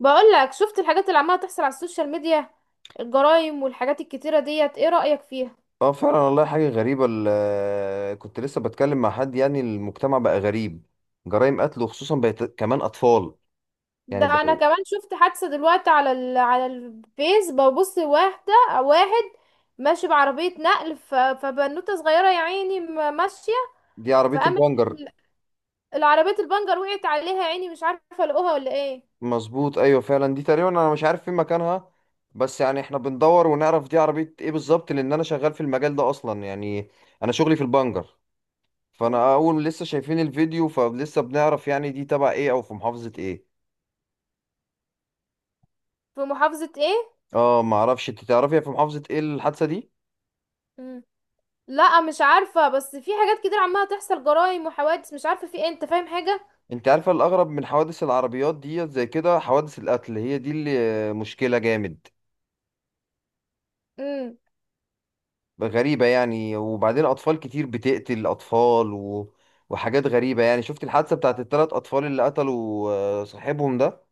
بقول لك، شفت الحاجات اللي عماله تحصل على السوشيال ميديا؟ الجرائم والحاجات الكتيره ديت، ايه رأيك فيها؟ اه، فعلا والله حاجة غريبة. كنت لسه بتكلم مع حد. يعني المجتمع بقى غريب، جرائم قتل، وخصوصا بقت كمان أطفال. يعني ده انا بقوا. كمان شفت حادثه دلوقتي على على الفيس، ببص واحده واحد ماشي بعربيه نقل، فبنوته صغيره، يا عيني، ماشيه، دي عربية فقامت البنجر. ال- العربيه البنجر وقعت عليها، يا عيني مش عارفه لقوها ولا ايه. مظبوط، أيوة فعلا. دي تقريبا أنا مش عارف فين مكانها، بس يعني احنا بندور ونعرف دي عربية ايه بالظبط، لأن أنا شغال في المجال ده أصلا يعني. أنا شغلي في البنجر. مم. فأنا أول لسه شايفين الفيديو، فلسه بنعرف يعني دي تبع ايه أو في محافظة ايه. في محافظه ايه؟ اه معرفش، انت تعرفي في محافظة ايه الحادثة دي؟ مم. لا، مش عارفه، بس في حاجات كتير عماله تحصل، جرائم وحوادث، مش عارفه في ايه، انت فاهم حاجه؟ انت عارفه الاغرب من حوادث العربيات دي؟ زي كده حوادث القتل، هي دي اللي مشكله جامد. امم. غريبه يعني، وبعدين اطفال كتير بتقتل اطفال و... وحاجات غريبه يعني. شفت الحادثه بتاعت الثلاث اطفال اللي قتلوا صاحبهم ده؟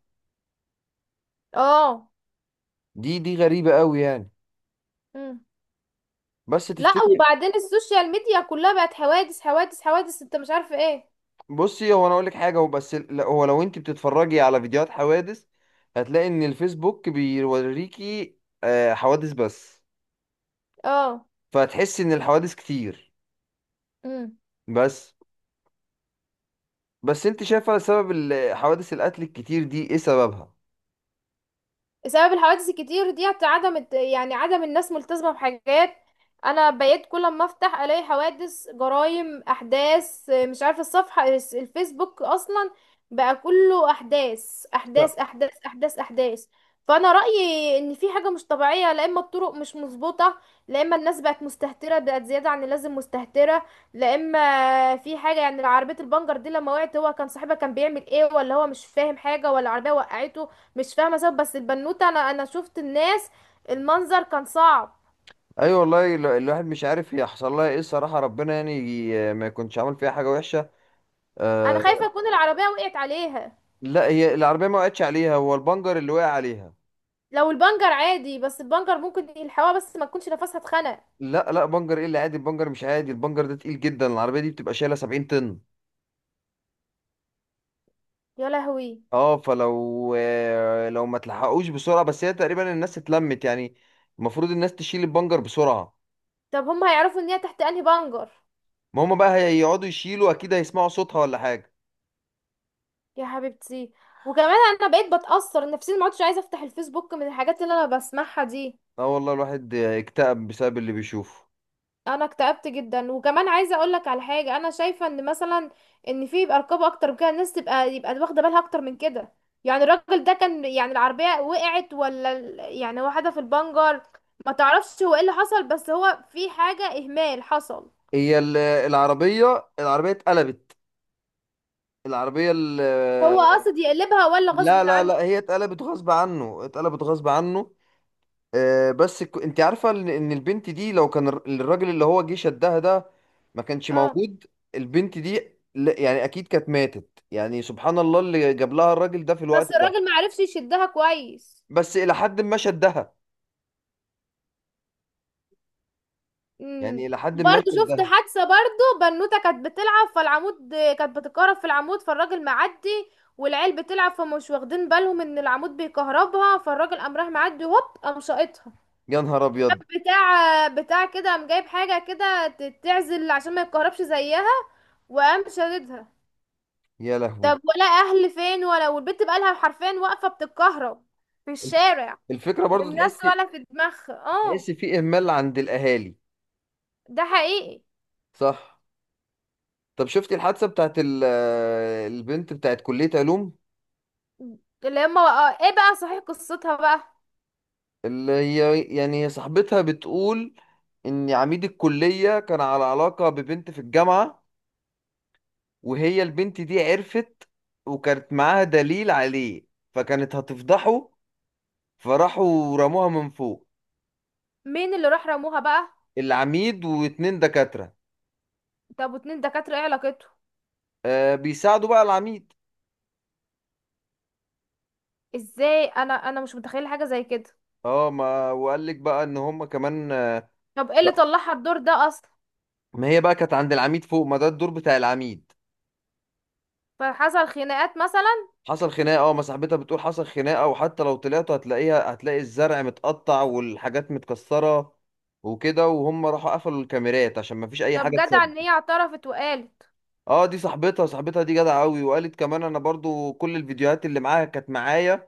اه. دي غريبه قوي يعني. مم. بس لا، تفتكري؟ وبعدين السوشيال ميديا كلها بقت حوادث حوادث حوادث، انت مش عارفه ايه. بصي، هو انا اقول لك حاجه، هو بس لا، هو لو انت بتتفرجي على فيديوهات حوادث هتلاقي ان الفيسبوك بيوريكي حوادث بس. اه. فهتحسي ان الحوادث كتير. مم. بس. بس انت شايفه سبب حوادث القتل الكتير دي ايه سببها؟ سبب الحوادث الكتير دي عدم يعني عدم الناس ملتزمة بحاجات. انا بقيت كل ما افتح الاقي حوادث جرائم احداث مش عارفة. الصفحة، الفيسبوك اصلا، بقى كله احداث لا. احداث احداث احداث احداث. فانا رأيي ان في حاجة مش طبيعية، لا اما الطرق مش مظبوطة، لا اما الناس بقت مستهترة، بقت زيادة عن اللازم مستهترة، لا اما في حاجة. يعني عربية البنجر دي لما وقعت، هو كان صاحبها كان بيعمل ايه، ولا هو مش فاهم حاجة، ولا العربية وقعته؟ مش فاهمه سبب، بس البنوته، انا شفت الناس. المنظر كان صعب. ايوه والله الواحد مش عارف هي حصل لها ايه الصراحه. ربنا يعني ما يكونش عامل فيها حاجه وحشه. انا آه. خايفه تكون العربيه وقعت عليها. لا، هي العربيه ما وقعتش عليها، هو البنجر اللي وقع عليها. لو البنجر عادي، بس البنجر ممكن يلحقوها، بس ما تكونش نفسها اتخنق. لا لا، بنجر ايه اللي عادي؟ البنجر مش عادي. البنجر ده تقيل جدا، العربيه دي بتبقى شايله 70 طن. يا لهوي. اه، فلو لو ما تلحقوش بسرعه... بس هي تقريبا الناس اتلمت يعني. المفروض الناس تشيل البنجر بسرعه. طب هم هيعرفوا ان هي تحت انهي بنجر؟ ما هم بقى هيقعدوا يشيلوا، اكيد هيسمعوا صوتها ولا حاجه. يا حبيبتي. وكمان انا بقيت بتاثر نفسيا، ما عدتش عايزه افتح الفيسبوك من الحاجات اللي انا بسمعها دي. اه، والله الواحد اكتئب بسبب اللي بيشوفه. انا اكتئبت جدا، وكمان عايزه اقول لك على حاجه. انا شايفه ان مثلا ان في يبقى رقابه اكتر من كده، الناس تبقى يبقى واخده بالها اكتر من كده. يعني الراجل ده كان، يعني العربيه وقعت ولا يعني واحده في البنجر، ما تعرفش هو ايه اللي حصل، بس هو في حاجه اهمال حصل. هي العربية اتقلبت. العربية هو ال- قاصد يقلبها ولا غصب لا لا لا، عنه؟ هي اتقلبت غصب عنه، اتقلبت غصب عنه. بس انت عارفة ان إن البنت دي لو كان الراجل اللي هو جه شدها ده ما كانش اه. موجود، البنت دي... لا، يعني اكيد كانت ماتت يعني. سبحان الله اللي جاب لها الراجل ده في بس الوقت ده. الراجل ما عرفش يشدها كويس. بس الى حد ما شدها. امم. يعني الى حد ما وبرضه شفت شدها. حادثة، برضه بنوتة كانت بتلعب فالعمود، كانت بتتكهرب في العمود، فالراجل معدي والعيال بتلعب، فمش واخدين بالهم ان العمود بيكهربها، فالراجل قام راح معدي هوب قام شاقطها، يا نهار ابيض. بتاع كده قام جايب حاجة كده تعزل عشان ما يتكهربش زيها، وقام شاددها. يا لهوي. طب ولا اهل فين ولا، والبنت بقالها حرفيا واقفة بتتكهرب في الشارع الفكرة برضو تحس. والناس ولا في دماغها، اه. تحس في اهمال عند الاهالي. ده حقيقي. صح. طب شفتي الحادثه بتاعت البنت بتاعت كليه علوم؟ اللي هما بقى ايه بقى؟ صحيح، قصتها بقى، اللي هي يعني هي صاحبتها بتقول ان عميد الكليه كان على علاقه ببنت في الجامعه، وهي البنت دي عرفت، وكانت معاها دليل عليه، فكانت هتفضحه، فراحوا رموها من فوق. مين اللي راح رموها بقى؟ العميد واتنين دكاتره. طب واتنين دكاترة ايه علاقته؟ بيساعدوا بقى العميد. ازاي؟ انا مش متخيلة حاجة زي كده. اه، ما وقال لك بقى ان هم كمان. طب ايه اللي طلعها الدور ده اصلا؟ ما هي بقى كانت عند العميد فوق، ما ده الدور بتاع العميد. فحصل خناقات مثلا؟ حصل خناقه. اه، ما صاحبتها بتقول حصل خناقه، وحتى لو طلعتوا هتلاقيها، هتلاقي الزرع متقطع والحاجات متكسره وكده. وهم راحوا قفلوا الكاميرات عشان ما فيش اي طب حاجه جدع تصدق. ان هي اعترفت وقالت. اه، دي صاحبتها دي جدعه قوي، وقالت كمان انا برضو كل الفيديوهات اللي معاها كانت معايا،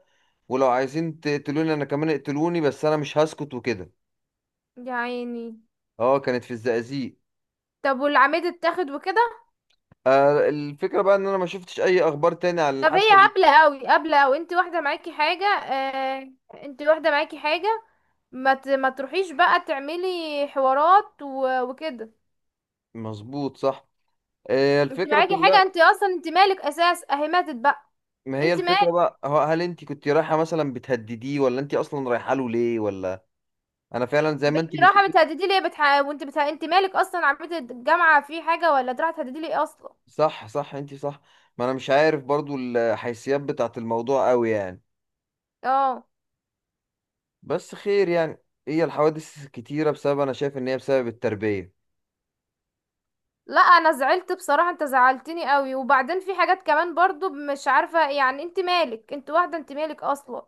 ولو عايزين تقتلوني انا كمان اقتلوني، بس انا مش هسكت وكده. يا عيني. اه، كانت في الزقازيق. طب والعميد اتاخد وكده؟ الفكره بقى ان انا ما شفتش اي اخبار تاني عن طب هي الحادثه دي. هبلة قوي، هبلة قوي، انت واحدة معاكي حاجة، انت واحدة معاكي حاجة، ما تروحيش بقى تعملي حوارات وكده. مظبوط، صح. انت الفكرة معاكي حاجة، كلها. انت اصلا انت مالك اساس، اهي ماتت بقى. ما هي انت مالك؟ الفكرة بقى، هو هل انت كنت رايحة مثلا بتهدديه، ولا انت اصلا رايحة له ليه، ولا... انا فعلا زي ما انت بنتي رايحه بتقولي. بتهددي لي، وانت انت مالك اصلا، عملت الجامعه في حاجه، ولا رايحه تهددي لي اصلا؟ صح صح، انت صح. ما انا مش عارف برضو الحيثيات بتاعت الموضوع قوي يعني. اه. بس خير يعني. هي الحوادث كتيرة بسبب... انا شايف ان هي بسبب التربية. لا، انا زعلت بصراحة، انت زعلتني قوي. وبعدين في حاجات كمان برضو مش عارفة، يعني انت مالك، انت واحدة، انت مالك اصلا.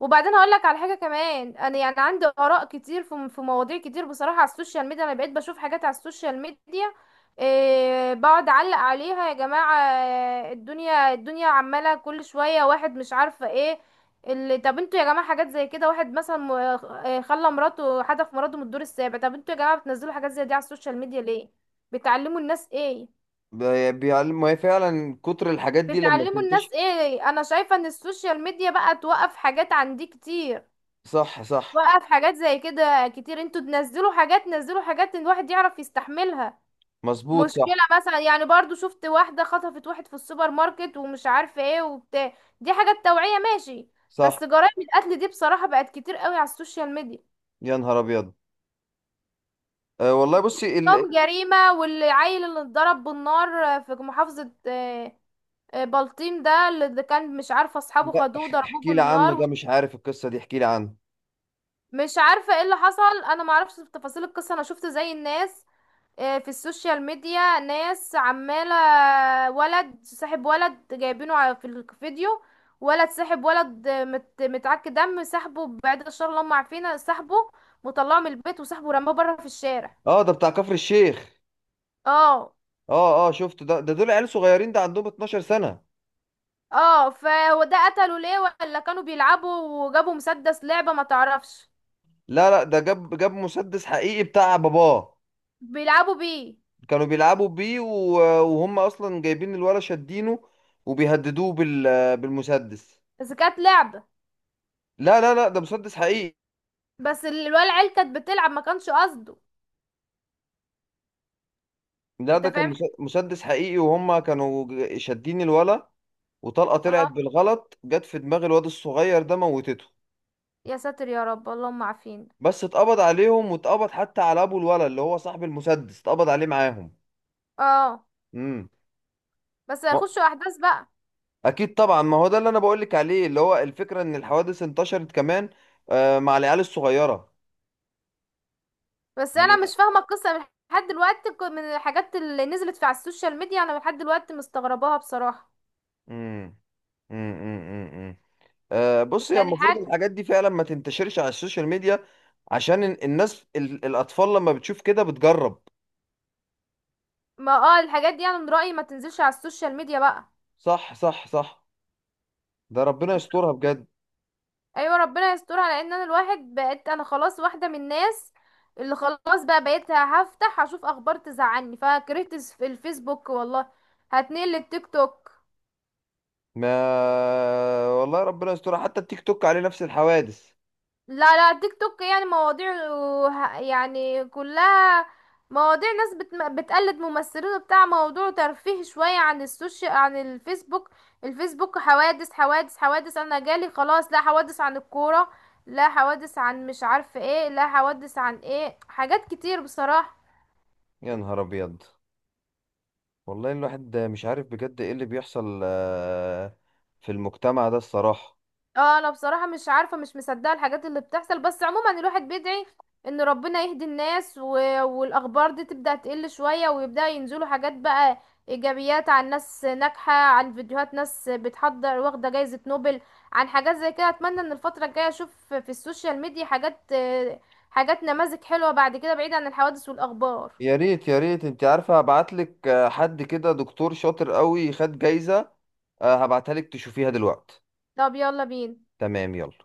وبعدين هقولك على حاجة كمان، انا يعني عندي اراء كتير في مواضيع كتير بصراحة. على السوشيال ميديا انا بقيت بشوف حاجات على السوشيال ميديا، إيه، بقعد اعلق عليها، يا جماعة، الدنيا عمالة كل شوية، واحد مش عارفة ايه اللي. طب انتوا يا جماعة حاجات زي كده، واحد مثلا خلى مراته، حدف مراته من الدور السابع، طب انتوا يا جماعة بتنزلوا حاجات زي دي على السوشيال ميديا ليه؟ بتعلموا الناس ايه؟ بيعلم. ما هي فعلا كتر الحاجات دي لما بتعلموا بتنتشر. الناس ايه؟ انا شايفة ان السوشيال ميديا بقى توقف حاجات عندي كتير، صح صح. توقف حاجات زي كده كتير. انتوا تنزلوا حاجات، نزلوا حاجات ان الواحد يعرف يستحملها. مظبوط، مشكلة صح. مثلا، يعني برضو شفت واحدة خطفت واحد في السوبر ماركت ومش عارفة ايه وبتاع، دي حاجات توعية ماشي. بس صح. جرائم القتل دي بصراحة بقت كتير قوي على السوشيال ميديا. يا نهار ابيض. أه والله، بصي طب جريمة والعيل اللي اتضرب بالنار في محافظة، بلطيم، ده اللي كان مش عارفه، اصحابه لا. خدوه ضربوه احكي لي عنه، بالنار. ده مش عارف القصة دي، احكي لي عنه. مش عارفه ايه اللي حصل، انا ما اعرفش تفاصيل القصه، انا شفت زي الناس، في السوشيال ميديا ناس عماله، ولد صاحب ولد جايبينه في الفيديو، ولد ساحب ولد، متعك دم، سحبه، بعد الشر اللهم، عارفين، سحبه وطلعه من البيت وسحبه رماه بره في الشارع. اه، ده بتاع كفر الشيخ. اه. اه اه، شفت ده دول عيال صغيرين، ده عندهم 12 سنة. اه. فهو ده قتله ليه؟ ولا كانوا بيلعبوا وجابوا مسدس لعبه، ما تعرفش. لا لا، ده جاب مسدس حقيقي بتاع باباه. بيلعبوا بيه. كانوا بيلعبوا بيه وهم اصلا جايبين الولا شادينه، وبيهددوه بالمسدس. بس كانت لعبة، لا لا لا، ده مسدس حقيقي. بس الولا العيال كانت بتلعب ما كانش قصده، لا، انت ده كان فاهم. مسدس حقيقي، وهم كانوا شادين الولا، وطلقة طلعت اه. بالغلط، جت في دماغ الواد الصغير ده، موتته. يا ساتر يا رب، اللهم عافينا. بس اتقبض عليهم، واتقبض حتى على ابو الولا اللي هو صاحب المسدس، اتقبض عليه معاهم. اه. امم. بس هيخشوا احداث بقى. اكيد طبعا، ما هو ده اللي انا بقولك عليه، اللي هو الفكره ان الحوادث انتشرت كمان مع العيال الصغيره بس انا يعني. مش فاهمة القصة من لحد دلوقتي، من الحاجات اللي نزلت في على السوشيال ميديا، انا لحد دلوقتي مستغرباها بصراحة. امم، امم، امم، امم. بص، هي يعني المفروض حاجة. الحاجات دي فعلا ما تنتشرش على السوشيال ميديا، عشان الناس الاطفال لما بتشوف كده بتجرب. ما اه، الحاجات دي انا من رأيي ما تنزلش على السوشيال ميديا بقى. صح صح صح. ده ربنا يسترها بجد. ايوه، ربنا يستر. على ان انا الواحد بقيت، انا خلاص واحده من الناس اللي خلاص بقى، بقيت هفتح هشوف اخبار تزعلني، فكرهت الفيسبوك والله. هتنقل للتيك توك. ما والله ربنا يسترها، حتى التيك توك عليه نفس الحوادث. لا لا، التيك توك يعني مواضيع، يعني كلها مواضيع ناس بتقلد ممثلين وبتاع، موضوع ترفيه شويه عن السوشيال، عن الفيسبوك. الفيسبوك حوادث حوادث حوادث، انا جالي خلاص، لا حوادث عن الكوره، لا حوادث عن مش عارفه ايه، لا حوادث عن ايه، حاجات كتير بصراحه. يا نهار ابيض. والله الواحد مش عارف بجد ايه اللي بيحصل في المجتمع ده الصراحه. اه، انا بصراحة مش عارفة، مش مصدقة الحاجات اللي بتحصل، بس عموما الواحد بيدعي ان ربنا يهدي الناس والاخبار دي تبدأ تقل شوية، ويبدأ ينزلوا حاجات بقى ايجابيات عن ناس ناجحة، عن فيديوهات ناس بتحضر واخدة جايزة نوبل، عن حاجات زي كده. اتمنى ان الفترة الجاية اشوف في السوشيال ميديا حاجات، حاجات نماذج حلوة بعد كده بعيد عن الحوادث والاخبار. يا ريت يا ريت. انت عارفه هبعتلك حد كده دكتور شاطر قوي خد جايزه. هبعتها لك تشوفيها دلوقتي. طب يلا بينا. تمام، يلا.